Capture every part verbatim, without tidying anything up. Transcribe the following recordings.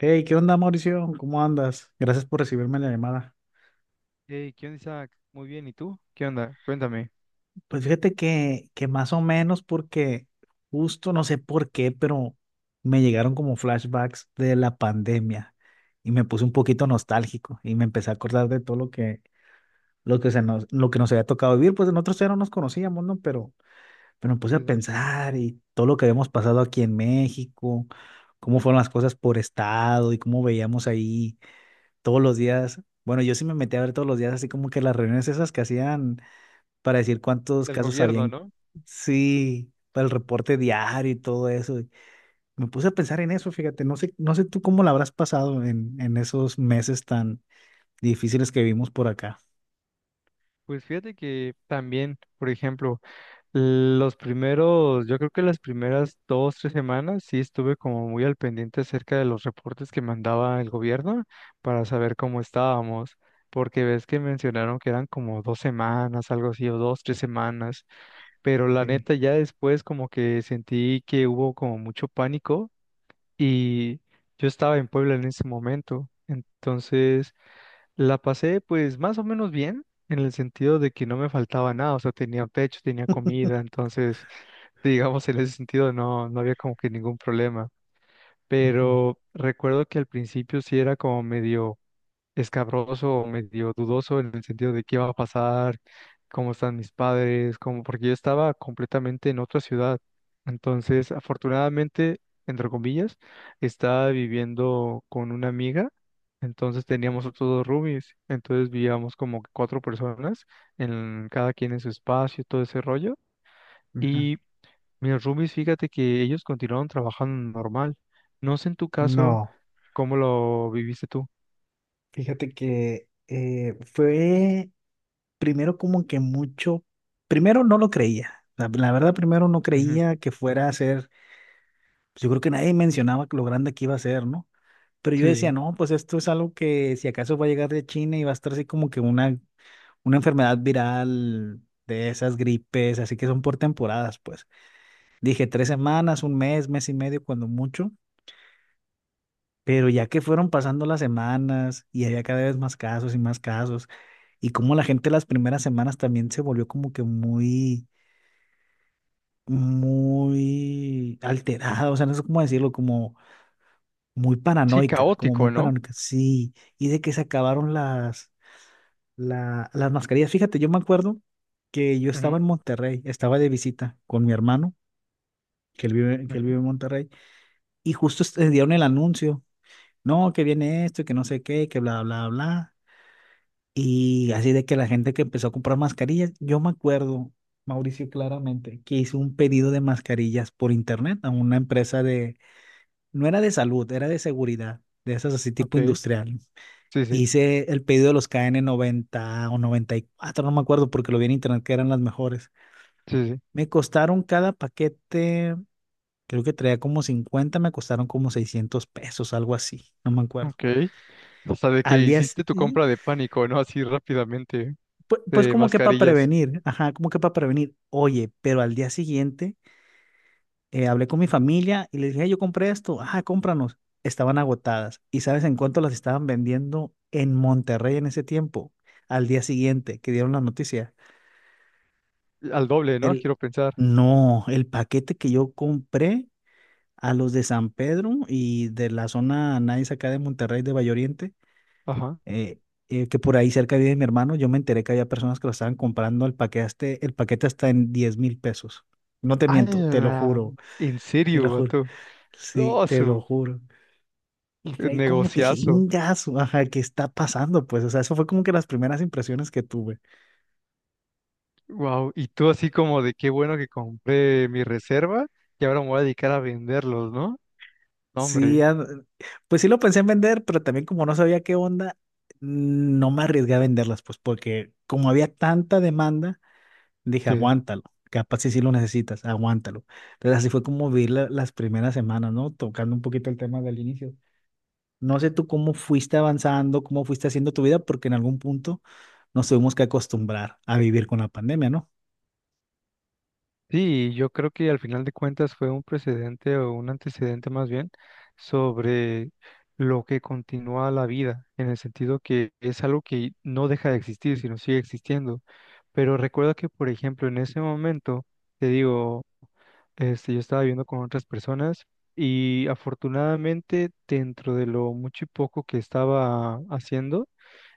Hey, ¿qué onda, Mauricio? ¿Cómo andas? Gracias por recibirme la llamada. Hey, ¿qué onda, Isaac? Muy bien, ¿y tú? ¿Qué onda? Cuéntame. Pues fíjate que, que más o menos porque justo no sé por qué, pero me llegaron como flashbacks de la pandemia y me puse un poquito nostálgico y me empecé a acordar de todo lo que, lo que se nos, lo que nos había tocado vivir. Pues nosotros ya no nos conocíamos, ¿no? Pero, pero me puse a Sí, sí. pensar y todo lo que habíamos pasado aquí en México, cómo fueron las cosas por estado y cómo veíamos ahí todos los días. Bueno, yo sí me metí a ver todos los días, así como que las reuniones esas que hacían para decir cuántos Del casos gobierno, habían, ¿no? sí, para el reporte diario y todo eso. Y me puse a pensar en eso, fíjate, no sé, no sé tú cómo la habrás pasado en, en esos meses tan difíciles que vivimos por acá. Pues fíjate que también, por ejemplo, los primeros, yo creo que las primeras dos, tres semanas sí estuve como muy al pendiente acerca de los reportes que mandaba el gobierno para saber cómo estábamos, porque ves que mencionaron que eran como dos semanas, algo así, o dos, tres semanas, pero la Sí. neta ya después como que sentí que hubo como mucho pánico y yo estaba en Puebla en ese momento, entonces la pasé pues más o menos bien en el sentido de que no me faltaba nada, o sea, tenía pecho, tenía comida, entonces digamos en ese sentido no, no había como que ningún problema, Ujú, pero recuerdo que al principio sí era como medio escabroso, medio dudoso en el sentido de qué va a pasar, cómo están mis padres, cómo, porque yo estaba completamente en otra ciudad. Entonces, afortunadamente, entre comillas, estaba viviendo con una amiga. Entonces teníamos otros dos roomies, entonces vivíamos como cuatro personas, en cada quien en su espacio, todo ese rollo. ajá. Y mis roomies, fíjate que ellos continuaron trabajando normal. No sé en tu caso No, cómo lo viviste tú. fíjate que eh, fue primero como que mucho, primero no lo creía. La, la verdad, primero no Ujú, creía que fuera a ser pues yo creo que nadie mencionaba lo grande que iba a ser, ¿no? Pero yo sí, decía, sí. no, pues esto es algo que si acaso va a llegar de China y va a estar así como que una, una enfermedad viral de esas gripes, así que son por temporadas, pues. Dije tres semanas, un mes, mes y medio, cuando mucho. Pero ya que fueron pasando las semanas y había cada vez más casos y más casos, y como la gente las primeras semanas también se volvió como que muy, muy alterada, o sea, no sé cómo decirlo, como muy Sí, paranoica, como muy caótico, ¿no? paranoica, sí, y de que se acabaron las, la- las mascarillas. Fíjate, yo me acuerdo que yo estaba Ujú, en Monterrey, estaba de visita con mi hermano, que él vive, que él ujú. vive en Monterrey, y justo est- eh, dieron el anuncio, no, que viene esto, y que no sé qué, que bla, bla, bla, y así de que la gente que empezó a comprar mascarillas, yo me acuerdo, Mauricio, claramente, que hice un pedido de mascarillas por internet a una empresa de, no era de salud, era de seguridad, de esas así tipo Ok, industrial. sí, sí, Hice el pedido de los K N noventa o noventa y cuatro, no me acuerdo porque lo vi en internet que eran las mejores. sí, sí. Me costaron cada paquete, creo que traía como cincuenta, me costaron como seiscientos pesos, algo así, no me acuerdo. Ok. O sea, de Al que día, s- hiciste tu y, compra de pánico, ¿no? Así rápidamente, pu- pues, de como que para mascarillas. prevenir, ajá, como que para prevenir. Oye, pero al día siguiente eh, hablé con mi familia y les dije, "Hey, yo compré esto, ajá, cómpranos." Estaban agotadas. ¿Y sabes en cuánto las estaban vendiendo en Monterrey en ese tiempo? Al día siguiente que dieron la noticia. Al doble, ¿no? El, Quiero pensar. no, el paquete que yo compré a los de San Pedro y de la zona nice acá de Monterrey, de Valle Oriente, Ajá. eh, eh, que por ahí cerca vive mi hermano, yo me enteré que había personas que lo estaban comprando el paquete, hasta- el paquete hasta en diez mil pesos. No te miento, te lo ¡Hala! juro, ¿En te lo serio, juro. vato? Sí, ¡Oh, te lo su juro. Y fue ahí como que, dije, negociazo! "Ingazo, ajá, ¿qué está pasando?" Pues, o sea, eso fue como que las primeras impresiones que tuve. Wow. Y tú así como de qué bueno que compré mi reserva y ahora me voy a dedicar a venderlos, ¿no? No, Sí, hombre. an- pues sí lo pensé en vender, pero también como no sabía qué onda, no me arriesgué a venderlas, pues porque como había tanta demanda, dije, aguántalo, capaz si sí lo necesitas, aguántalo. Entonces así fue como vi la- las primeras semanas, ¿no? Tocando un poquito el tema del inicio. No sé tú cómo fuiste avanzando, cómo fuiste haciendo tu vida, porque en algún punto nos tuvimos que acostumbrar a vivir con la pandemia, ¿no? Sí, yo creo que al final de cuentas fue un precedente o un antecedente más bien sobre lo que continúa la vida, en el sentido que es algo que no deja de existir, sino sigue existiendo. Pero recuerda que, por ejemplo, en ese momento, te digo, este, yo estaba viviendo con otras personas y afortunadamente dentro de lo mucho y poco que estaba haciendo,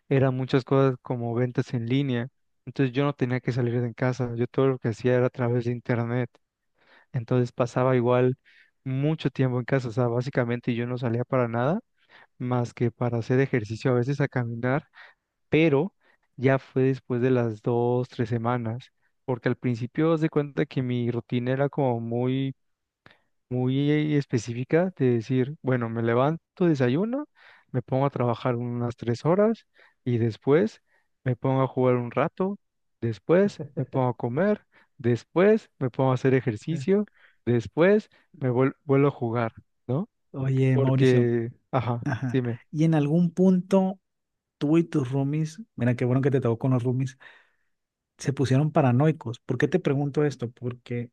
eran muchas cosas como ventas en línea. Entonces yo no tenía que salir de casa, yo todo lo que hacía era a través de internet. Entonces pasaba igual mucho tiempo en casa, o sea, básicamente yo no salía para nada más que para hacer ejercicio, a veces a caminar, pero ya fue después de las dos, tres semanas, porque al principio haz de cuenta que mi rutina era como muy muy específica de decir, bueno, me levanto, desayuno, me pongo a trabajar unas tres horas y después me pongo a jugar un rato, después me pongo a comer, después me pongo a hacer Ujú. ejercicio, después me vuel- vuelvo a jugar, ¿no? Oye, Mauricio, Porque, ajá, dime, y en algún punto tú y tus roomies, mira qué bueno que te tocó con los roomies, se pusieron paranoicos. ¿Por qué te pregunto esto? Porque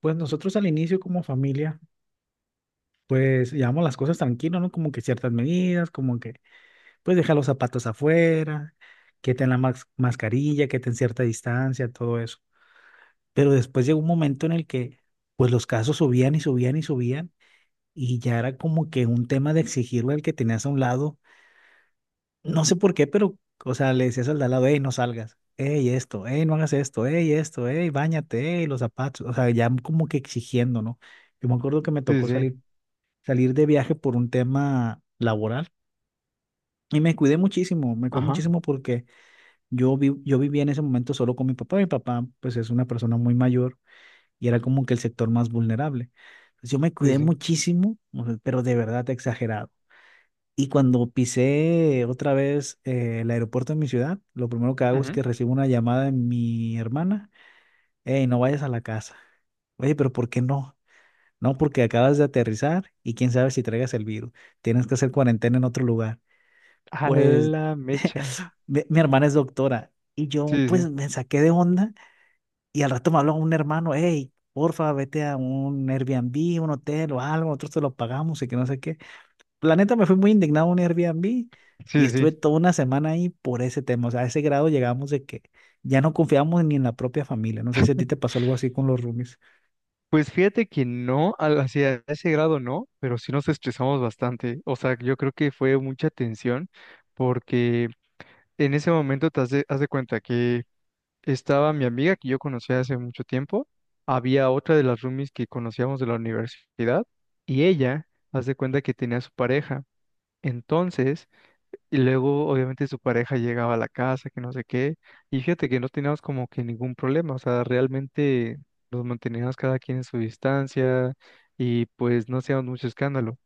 pues nosotros al inicio como familia, pues llevamos las cosas tranquilos, ¿no? Como que ciertas medidas, como que pues deja los zapatos afuera, que ten la mas- mascarilla, que ten cierta distancia, todo eso. Pero después llegó un momento en el que pues los casos subían y subían y subían, y ya era como que un tema de exigirle al que tenías a un lado. No sé por qué, pero, o sea, le decías al de al lado, hey, no salgas, hey, esto, hey, no hagas esto, hey, esto, hey, báñate, hey, los zapatos, o sea, ya como que exigiendo, ¿no? Yo me acuerdo que me sí, sí, tocó sí, salir, salir de viaje por un tema laboral y me cuidé muchísimo, me cuidé ajá, muchísimo porque yo, vi, yo vivía en ese momento solo con mi papá, mi papá, pues, es una persona muy mayor y era como que el sector más vulnerable. Entonces, yo me sí, cuidé sí. muchísimo, o sea, pero de verdad exagerado. Y cuando pisé otra vez eh, el aeropuerto de mi ciudad, lo primero que hago es Ujú, que recibo una llamada de mi hermana, hey, no vayas a la casa. Oye, pero ¿por qué no? No, porque acabas de aterrizar y quién sabe si traigas el virus. Tienes que hacer cuarentena en otro lugar. a Pues la mecha, mi, mi hermana es doctora y yo sí, pues sí, me saqué de onda y al rato me habló un hermano, hey, porfa, vete a un Airbnb, un hotel o algo, nosotros te lo pagamos y que no sé qué. La neta me fui muy indignado a un Airbnb y sí, estuve sí. toda una semana ahí por ese tema. O sea, a ese grado llegamos de que ya no confiamos ni en la propia familia. No sé si a ti te pasó algo así con los roomies. Pues fíjate que no, al- hacia ese grado no, pero sí nos estresamos bastante. O sea, yo creo que fue mucha tensión porque en ese momento te has de, haz de cuenta que estaba mi amiga que yo conocía hace mucho tiempo, había otra de las roomies que conocíamos de la universidad y ella, haz de cuenta que tenía su pareja. Entonces, y luego, obviamente, su pareja llegaba a la casa, que no sé qué. Y fíjate que no teníamos como que ningún problema. O sea, realmente nos manteníamos cada quien en su distancia y pues no hacíamos mucho escándalo.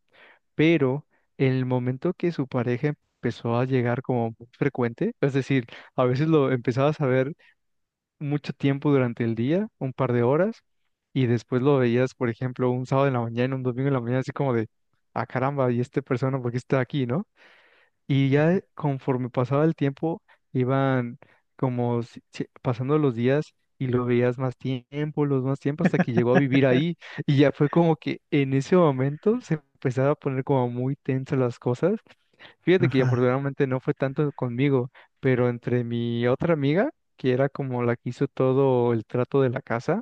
Pero en el momento que su pareja empezó a llegar como muy frecuente, es decir, a veces lo empezabas a ver mucho tiempo durante el día, un par de horas, y después lo veías, por ejemplo, un sábado en la mañana, un domingo en la mañana, así como de, ah, caramba, ¿y esta persona por qué está aquí, no? Y ya conforme pasaba el tiempo, iban como si- si- pasando los días y lo veías más tiempo, los más tiempo, hasta que llegó a vivir ahí. Y ya fue como que en ese momento se empezaba a poner como muy tensas las cosas. Fíjate que Ajá, afortunadamente no fue tanto conmigo, pero entre mi otra amiga, que era como la que hizo todo el trato de la casa,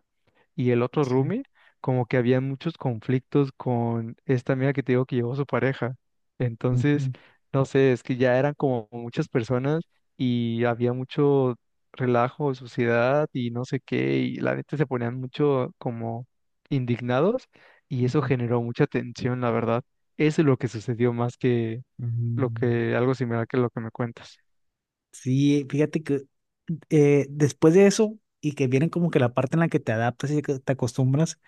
y el otro sí. roomie, como que había muchos conflictos con esta amiga que te digo que llevó su pareja. Entonces, Ujú, no sé, es que ya eran como muchas personas y había mucho relajo, suciedad y no sé qué, y la neta se ponían mucho como indignados y eso ujú, generó mucha tensión, la verdad. Eso es lo que sucedió más que ujú. lo que algo similar que lo que me cuentas. Sí, fíjate que eh, después de eso y que viene como que la parte en la que te adaptas y que te acostumbras.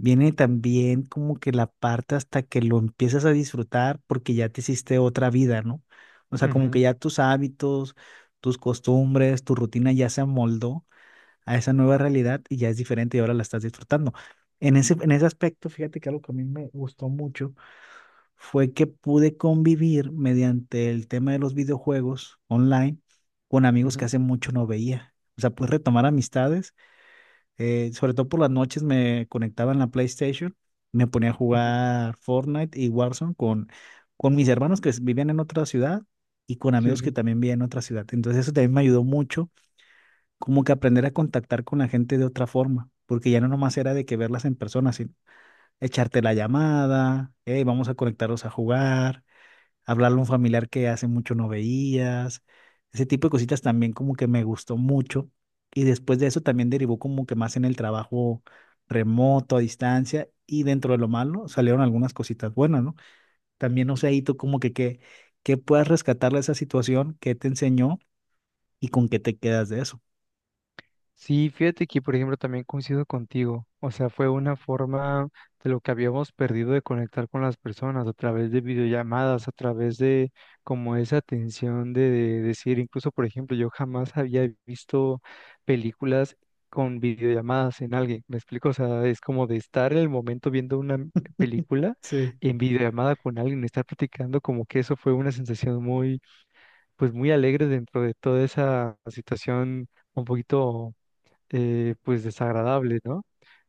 Viene también como que la parte hasta que lo empiezas a disfrutar porque ya te hiciste otra vida, ¿no? O sea, como que Ujú, ya tus hábitos, tus costumbres, tu rutina ya se amoldó a esa nueva realidad y ya es diferente y ahora la estás disfrutando. En ese, en ese aspecto, fíjate que algo que a mí me gustó mucho fue que pude convivir mediante el tema de los videojuegos online con amigos que ujú, hace mucho no veía. O sea, pude retomar amistades. Eh, sobre todo por las noches me conectaba en la PlayStation, me ponía a ujú. jugar Fortnite y Warzone con, con mis hermanos que vivían en otra ciudad y con Sí, amigos que sí. también vivían en otra ciudad. Entonces eso también me ayudó mucho, como que aprender a contactar con la gente de otra forma, porque ya no nomás era de que verlas en persona, sino echarte la llamada, hey, vamos a conectarnos a jugar, hablarle a un familiar que hace mucho no veías, ese tipo de cositas también como que me gustó mucho, y después de eso también derivó como que más en el trabajo remoto, a distancia, y dentro de lo malo salieron algunas cositas buenas, ¿no? También no sé ahí tú como que qué, qué puedas rescatar de esa situación, qué te enseñó y con qué te quedas de eso. Sí, fíjate que, por ejemplo, también coincido contigo. O sea, fue una forma de lo que habíamos perdido de conectar con las personas a través de videollamadas, a través de como esa atención de, de decir, incluso, por ejemplo, yo jamás había visto películas con videollamadas en alguien. ¿Me explico? O sea, es como de estar en el momento viendo una m- película Sí. en videollamada con alguien, estar platicando, como que eso fue una sensación muy, pues muy alegre dentro de toda esa situación un poquito eh, pues desagradable, ¿no?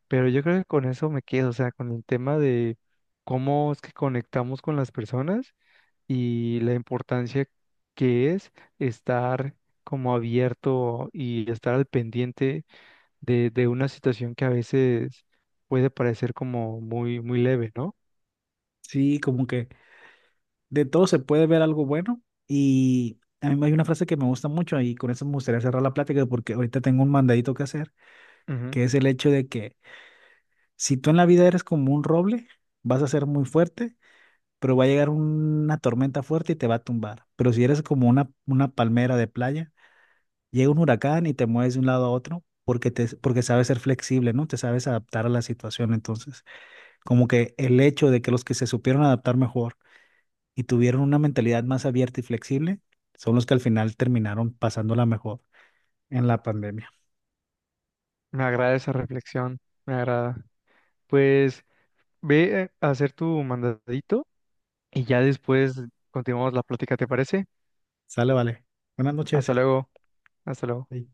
Pero yo creo que con eso me quedo, o sea, con el tema de cómo es que conectamos con las personas y la importancia que es estar como abierto y estar al pendiente de, de una situación que a veces puede parecer como muy, muy leve, ¿no? Sí, como que de todo se puede ver algo bueno, y a mí hay una frase que me gusta mucho y con eso me gustaría cerrar la plática porque ahorita tengo un mandadito que hacer, Ujú. que es el hecho de que si tú en la vida eres como un roble, vas a ser muy fuerte, pero va a llegar una tormenta fuerte y te va a tumbar. Pero si eres como una, una, palmera de playa, llega un huracán y te mueves de un lado a otro porque te, porque sabes ser flexible, ¿no? Te sabes adaptar a la situación. Entonces, como que el hecho de que los que se supieron adaptar mejor y tuvieron una mentalidad más abierta y flexible, son los que al final terminaron pasándola mejor en la pandemia. Me agrada esa reflexión, me agrada. Pues ve eh, a hacer tu mandadito y ya después continuamos la plática, ¿te parece? Sale, vale. Buenas noches. Hasta luego, hasta luego. Bye.